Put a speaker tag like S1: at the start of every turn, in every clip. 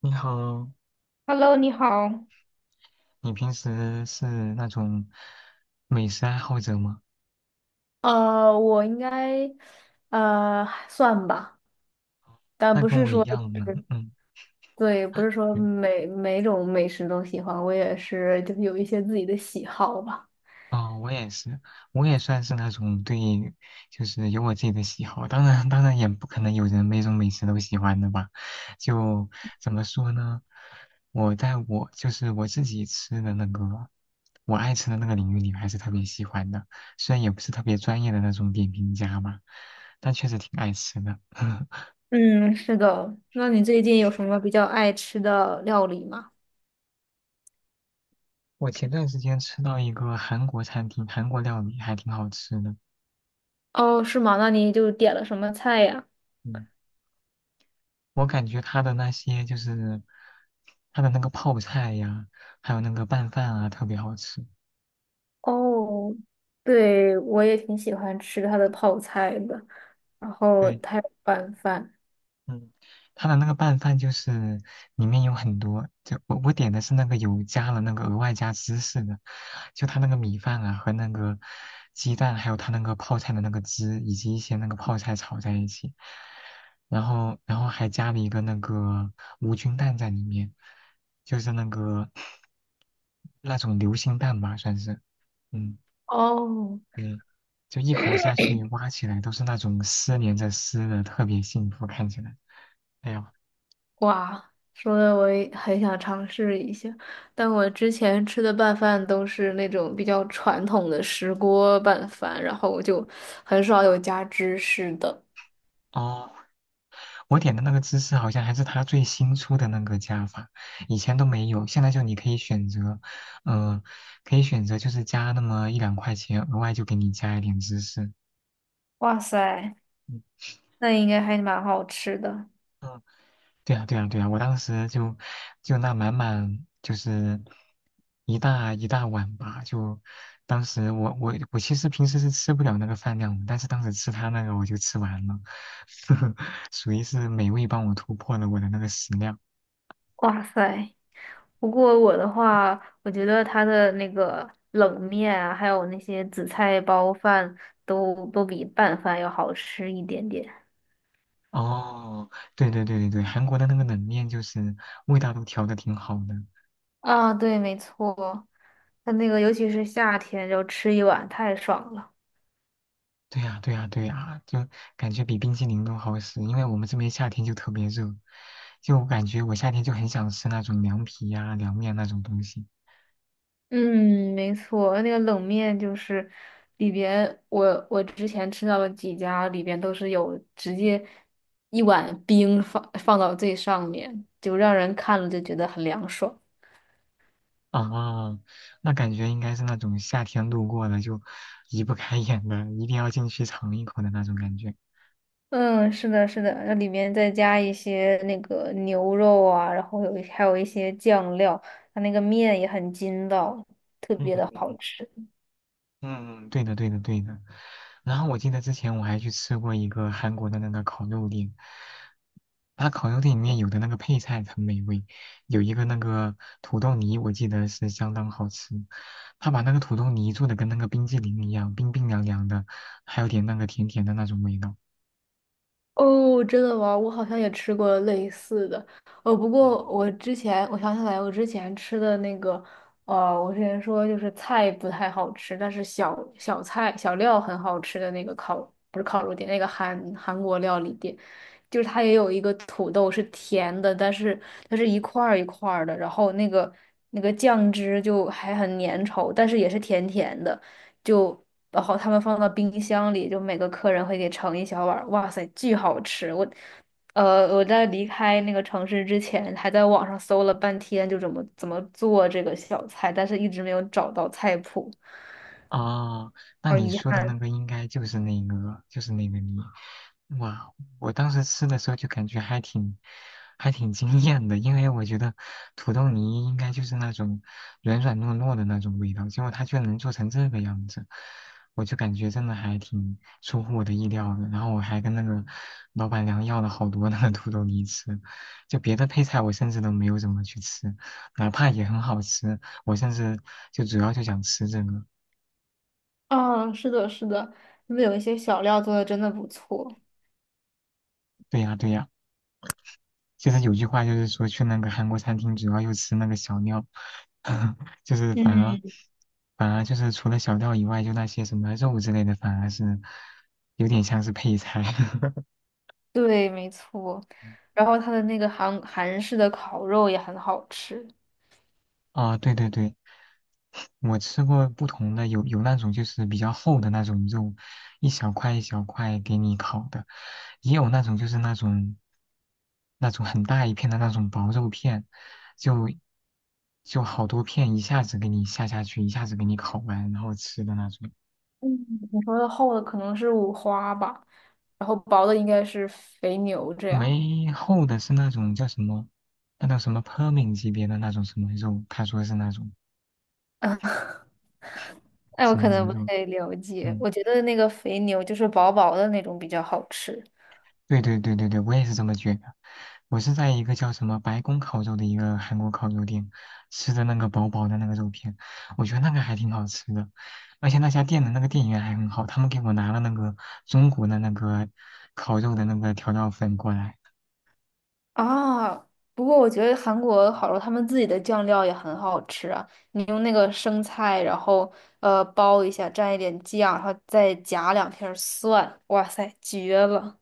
S1: 你好，
S2: Hello，你好。
S1: 你平时是那种美食爱好者吗？
S2: 我应该，算吧，但
S1: 那
S2: 不
S1: 跟
S2: 是
S1: 我一
S2: 说，
S1: 样呢。嗯，
S2: 对，不是说
S1: 对
S2: 每种美食都喜欢，我也是就是有一些自己的喜好吧。
S1: 哦，我也是，我也算是那种对，就是有我自己的喜好。当然也不可能有人每种美食都喜欢的吧？就怎么说呢？我就是我自己吃的那个，我爱吃的那个领域里，还是特别喜欢的。虽然也不是特别专业的那种点评家吧，但确实挺爱吃的。
S2: 嗯，是的。那你最近有什么比较爱吃的料理吗？
S1: 我前段时间吃到一个韩国餐厅，韩国料理还挺好吃的。
S2: 哦，是吗？那你就点了什么菜呀？
S1: 嗯，我感觉它的那些就是它的那个泡菜呀，还有那个拌饭啊，特别好吃。
S2: 哦，对，我也挺喜欢吃它的泡菜的，然后
S1: 对，
S2: 它有拌饭。
S1: 嗯，它的那个拌饭就是里面有很多，就我点的是那个有加了那个额外加芝士的，就它那个米饭啊和那个鸡蛋，还有它那个泡菜的那个汁，以及一些那个泡菜炒在一起，然后还加了一个那个无菌蛋在里面，就是那个那种流心蛋吧，算是，嗯，
S2: 哦，
S1: 对，就一口下去挖起来都是那种丝连着丝的，特别幸福，看起来，哎呀。
S2: 哇，说的我也很想尝试一下，但我之前吃的拌饭都是那种比较传统的石锅拌饭，然后我就很少有加芝士的。
S1: 哦，我点的那个芝士好像还是他最新出的那个加法，以前都没有。现在就你可以选择，嗯、可以选择就是加那么一两块钱，额外就给你加一点芝士。
S2: 哇塞，
S1: 嗯
S2: 那应该还蛮好吃的。
S1: 嗯对啊，对啊，对啊，我当时就那满满就是一大一大碗吧，就当时我其实平时是吃不了那个饭量的，但是当时吃他那个我就吃完了，属于是美味帮我突破了我的那个食量。
S2: 哇塞，不过我的话，我觉得它的那个冷面啊，还有那些紫菜包饭都比拌饭要好吃一点点。
S1: 哦，对对对对对，韩国的那个冷面就是味道都调的挺好的。
S2: 啊，对，没错，它那个尤其是夏天，就吃一碗太爽了。
S1: 对呀对呀对呀，就感觉比冰淇淋都好吃，因为我们这边夏天就特别热，就感觉我夏天就很想吃那种凉皮呀、凉面那种东西。
S2: 嗯，没错，那个冷面就是里边，我之前吃到的几家里边都是有直接一碗冰放到最上面，就让人看了就觉得很凉爽。
S1: 哦，那感觉应该是那种夏天路过了就移不开眼的，一定要进去尝一口的那种感觉。
S2: 嗯，是的，是的，那里面再加一些那个牛肉啊，然后还有一些酱料，它那个面也很筋道，特
S1: 嗯
S2: 别的
S1: 嗯
S2: 好
S1: 嗯
S2: 吃。
S1: 嗯，对的，对的，对的。然后我记得之前我还去吃过一个韩国的那个烤肉店，他烤肉店里面有的那个配菜很美味，有一个那个土豆泥，我记得是相当好吃。他把那个土豆泥做的跟那个冰激凌一样，冰冰凉凉的，还有点那个甜甜的那种味道。
S2: 哦，真的吗？我好像也吃过类似的，哦，不过我之前我想起来，我之前吃的那个，我之前说就是菜不太好吃，但是小菜小料很好吃的那个烤，不是烤肉店，那个韩国料理店，就是它也有一个土豆是甜的，但是它是一块儿一块儿的，然后那个酱汁就还很粘稠，但是也是甜甜的。就然后他们放到冰箱里，就每个客人会给盛一小碗儿，哇塞，巨好吃！我，我在离开那个城市之前，还在网上搜了半天，就怎么做这个小菜，但是一直没有找到菜谱，
S1: 哦，那
S2: 好
S1: 你
S2: 遗
S1: 说的那
S2: 憾。
S1: 个应该就是那个，就是那个你，哇！我当时吃的时候就感觉还挺，还挺惊艳的，因为我觉得土豆泥应该就是那种软软糯糯的那种味道，结果它居然能做成这个样子，我就感觉真的还挺出乎我的意料的。然后我还跟那个老板娘要了好多那个土豆泥吃，就别的配菜我甚至都没有怎么去吃，哪怕也很好吃，我甚至就主要就想吃这个。
S2: 啊，是的，是的，他们有一些小料做的真的不错。
S1: 对呀，对呀，就是有句话就是说去那个韩国餐厅，主要又吃那个小料，就是
S2: 嗯，
S1: 反而就是除了小料以外，就那些什么肉之类的，反而是有点像是配菜。
S2: 对，没错。然后他的那个韩式的烤肉也很好吃。
S1: 啊，对对对，我吃过不同的，有那种就是比较厚的那种肉，一小块一小块给你烤的，也有那种就是那种很大一片的那种薄肉片，就就好多片一下子给你下下去，一下子给你烤完，然后吃的那种。
S2: 嗯，你说的厚的可能是五花吧，然后薄的应该是肥牛这样。
S1: 没厚的是那种叫什么，那叫什么 Permin 级别的那种什么肉，他说是那种
S2: 那我
S1: 什么
S2: 可能不
S1: 牛肉，
S2: 太了解，
S1: 嗯。
S2: 我觉得那个肥牛就是薄薄的那种比较好吃
S1: 对对对对对，我也是这么觉得。我是在一个叫什么白宫烤肉的一个韩国烤肉店吃的那个薄薄的那个肉片，我觉得那个还挺好吃的，而且那家店的那个店员还很好，他们给我拿了那个中国的那个烤肉的那个调料粉过来。
S2: 啊。不过我觉得韩国好多他们自己的酱料也很好吃啊，你用那个生菜，然后包一下，蘸一点酱，然后再夹两片儿蒜，哇塞，绝了！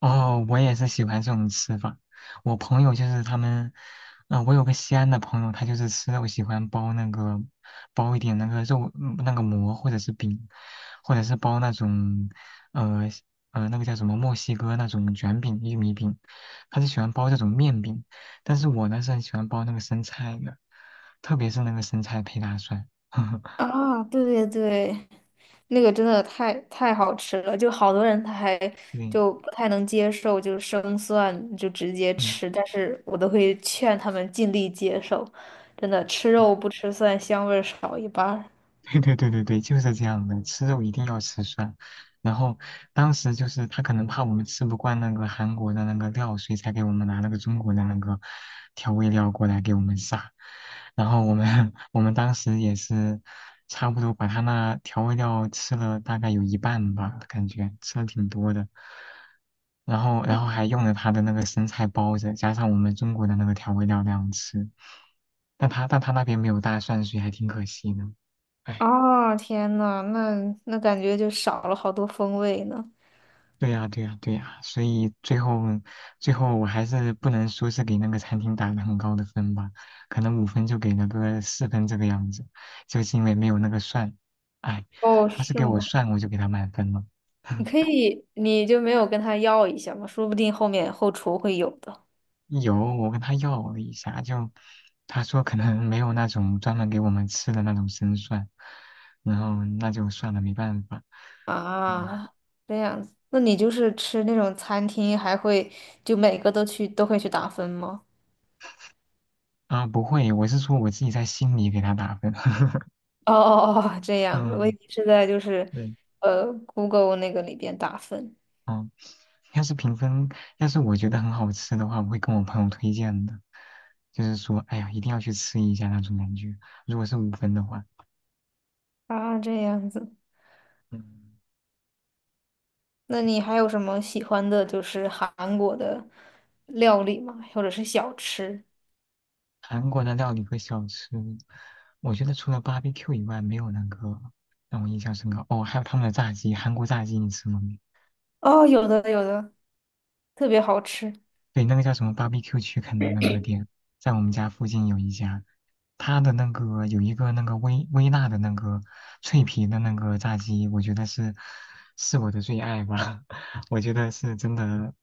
S1: 哦，我也是喜欢这种吃法。我朋友就是他们，啊、我有个西安的朋友，他就是吃肉喜欢包那个，包一点那个肉，嗯那个馍或者是饼，或者是包那种，呃那个叫什么墨西哥那种卷饼、玉米饼，他是喜欢包这种面饼。但是我呢是很喜欢包那个生菜的，特别是那个生菜配大蒜。
S2: 啊，对对对，那个真的太好吃了，就好多人他还
S1: 对，
S2: 就不太能接受，就是生蒜就直接
S1: 嗯。
S2: 吃，但是我都会劝他们尽力接受，真的吃肉不吃蒜，香味儿少一半儿。
S1: 对对对对对，就是这样的，吃肉一定要吃蒜。然后当时就是他可能怕我们吃不惯那个韩国的那个料，所以才给我们拿了个中国的那个调味料过来给我们撒。然后我们 我们当时也是差不多把他那调味料吃了大概有一半吧，感觉吃了挺多的。然后还用了他的那个生菜包着，加上我们中国的那个调味料那样吃。但他那边没有大蒜，所以还挺可惜的。唉
S2: 啊，天呐，那感觉就少了好多风味呢。
S1: 对呀，对呀，对呀，所以最后，最后我还是不能说是给那个餐厅打了很高的分吧，可能五分就给了个四分这个样子，就是因为没有那个蒜，哎，
S2: 哦，
S1: 他是
S2: 是
S1: 给我
S2: 吗？
S1: 蒜，我就给他满分了。
S2: 你可 以，你就没有跟他要一下吗？说不定后面后厨会有的
S1: 有，我跟他要了一下，就他说可能没有那种专门给我们吃的那种生蒜，然后那就算了，没办法。嗯，
S2: 啊。这样子，那你就是吃那种餐厅，还会就每个都去都会去打分吗？
S1: 啊，不会，我是说我自己在心里给他打分。
S2: 哦，这样子，我以
S1: 嗯，
S2: 为是在就是，
S1: 对。
S2: Google 那个里边打分
S1: 哦，要是评分，要是我觉得很好吃的话，我会跟我朋友推荐的，就是说，哎呀，一定要去吃一下那种感觉。如果是五分的话，
S2: 啊，这样子。
S1: 嗯，
S2: 那你还有什么喜欢的，就是韩国的料理吗？或者是小吃？
S1: 韩国的料理和小吃，我觉得除了 barbecue 以外，没有那个让我印象深刻。哦，还有他们的炸鸡，韩国炸鸡你吃过没？
S2: 哦，有的有的，特别好吃。
S1: 对，那个叫什么 BBQ a r e c u 区肯那个店，在我们家附近有一家，它的那个有一个那个微微辣的那个脆皮的那个炸鸡，我觉得是我的最爱吧，我觉得是真的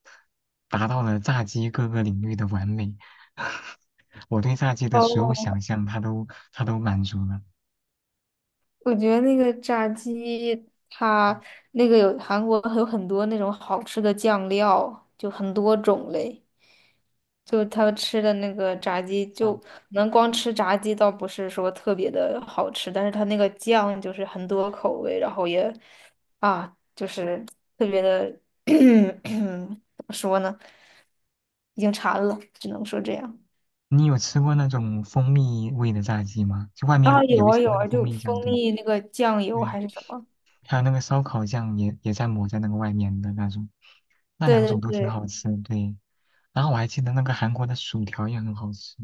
S1: 达到了炸鸡各个领域的完美，我对炸鸡的所有
S2: 哦，
S1: 想象它都满足了。
S2: 我觉得那个炸鸡，它那个有韩国有很多那种好吃的酱料，就很多种类。就他们吃的那个炸鸡，就
S1: 嗯，
S2: 可能光吃炸鸡倒不是说特别的好吃，但是他那个酱就是很多口味，然后也啊，就是特别的 怎么说呢，已经馋了，只能说这样。
S1: 你有吃过那种蜂蜜味的炸鸡吗？就外面
S2: 啊，有
S1: 有一
S2: 啊
S1: 层
S2: 有
S1: 那个
S2: 啊，
S1: 蜂
S2: 就
S1: 蜜酱，
S2: 蜂
S1: 对
S2: 蜜那个酱油
S1: 对。
S2: 还是什么？
S1: 还有那个烧烤酱也在抹在那个外面的那种，那
S2: 对
S1: 两种
S2: 对
S1: 都挺
S2: 对，
S1: 好吃，对。然后我还记得那个韩国的薯条也很好吃，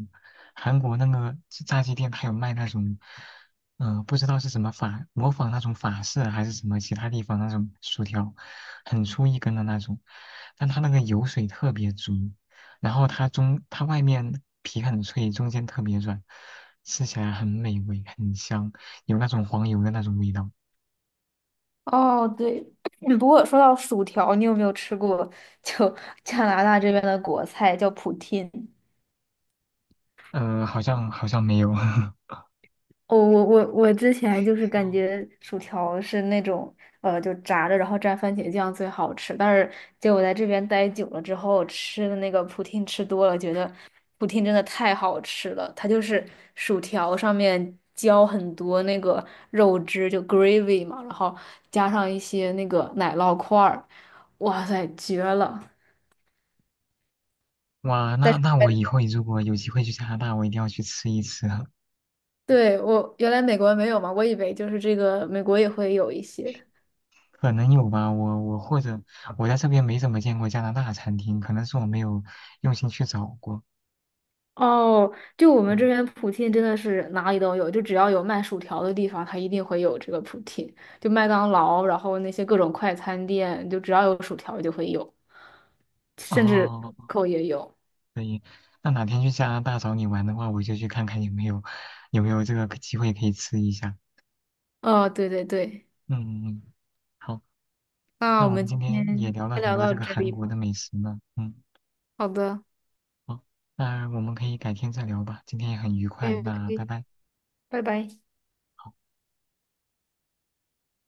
S1: 韩国那个炸鸡店它有卖那种，嗯、不知道是什么法，模仿那种法式啊还是什么其他地方那种薯条，很粗一根的那种，但它那个油水特别足，然后它外面皮很脆，中间特别软，吃起来很美味，很香，有那种黄油的那种味道。
S2: 哦对。不过说到薯条，你有没有吃过就 加拿大这边的国菜叫 poutine？
S1: 好像没有。
S2: 我之前就是
S1: 哦
S2: 感觉薯条是那种就炸着然后蘸番茄酱最好吃，但是结果在这边待久了之后，吃的那个普汀吃多了，觉得普汀真的太好吃了。它就是薯条上面浇很多那个肉汁，就 gravy 嘛，然后加上一些那个奶酪块儿，哇塞，绝了！
S1: 哇，
S2: 但
S1: 那
S2: 是
S1: 那我以后如果有机会去加拿大，我一定要去吃一吃，
S2: 对我原来美国没有嘛，我以为就是这个美国也会有一些。
S1: 可能有吧。我或者我在这边没怎么见过加拿大餐厅，可能是我没有用心去找过。
S2: 哦，就我们这
S1: 嗯，
S2: 边普聘真的是哪里都有，就只要有卖薯条的地方，它一定会有这个普聘。就麦当劳，然后那些各种快餐店，就只要有薯条就会有，甚至
S1: 哦，
S2: 扣也有。
S1: 可以。那哪天去加拿大找你玩的话，我就去看看有没有这个机会可以吃一下。
S2: 哦，对对对，
S1: 嗯，嗯嗯好，
S2: 那
S1: 那
S2: 我
S1: 我
S2: 们
S1: 们今
S2: 今天
S1: 天也聊了
S2: 先
S1: 很
S2: 聊
S1: 多
S2: 到
S1: 这个
S2: 这
S1: 韩
S2: 里
S1: 国
S2: 吧。
S1: 的美食呢。嗯，
S2: 好的，
S1: 好，那我们可以改天再聊吧。今天也很愉
S2: 可以
S1: 快，那
S2: 可
S1: 拜
S2: 以
S1: 拜。
S2: 拜拜。
S1: 好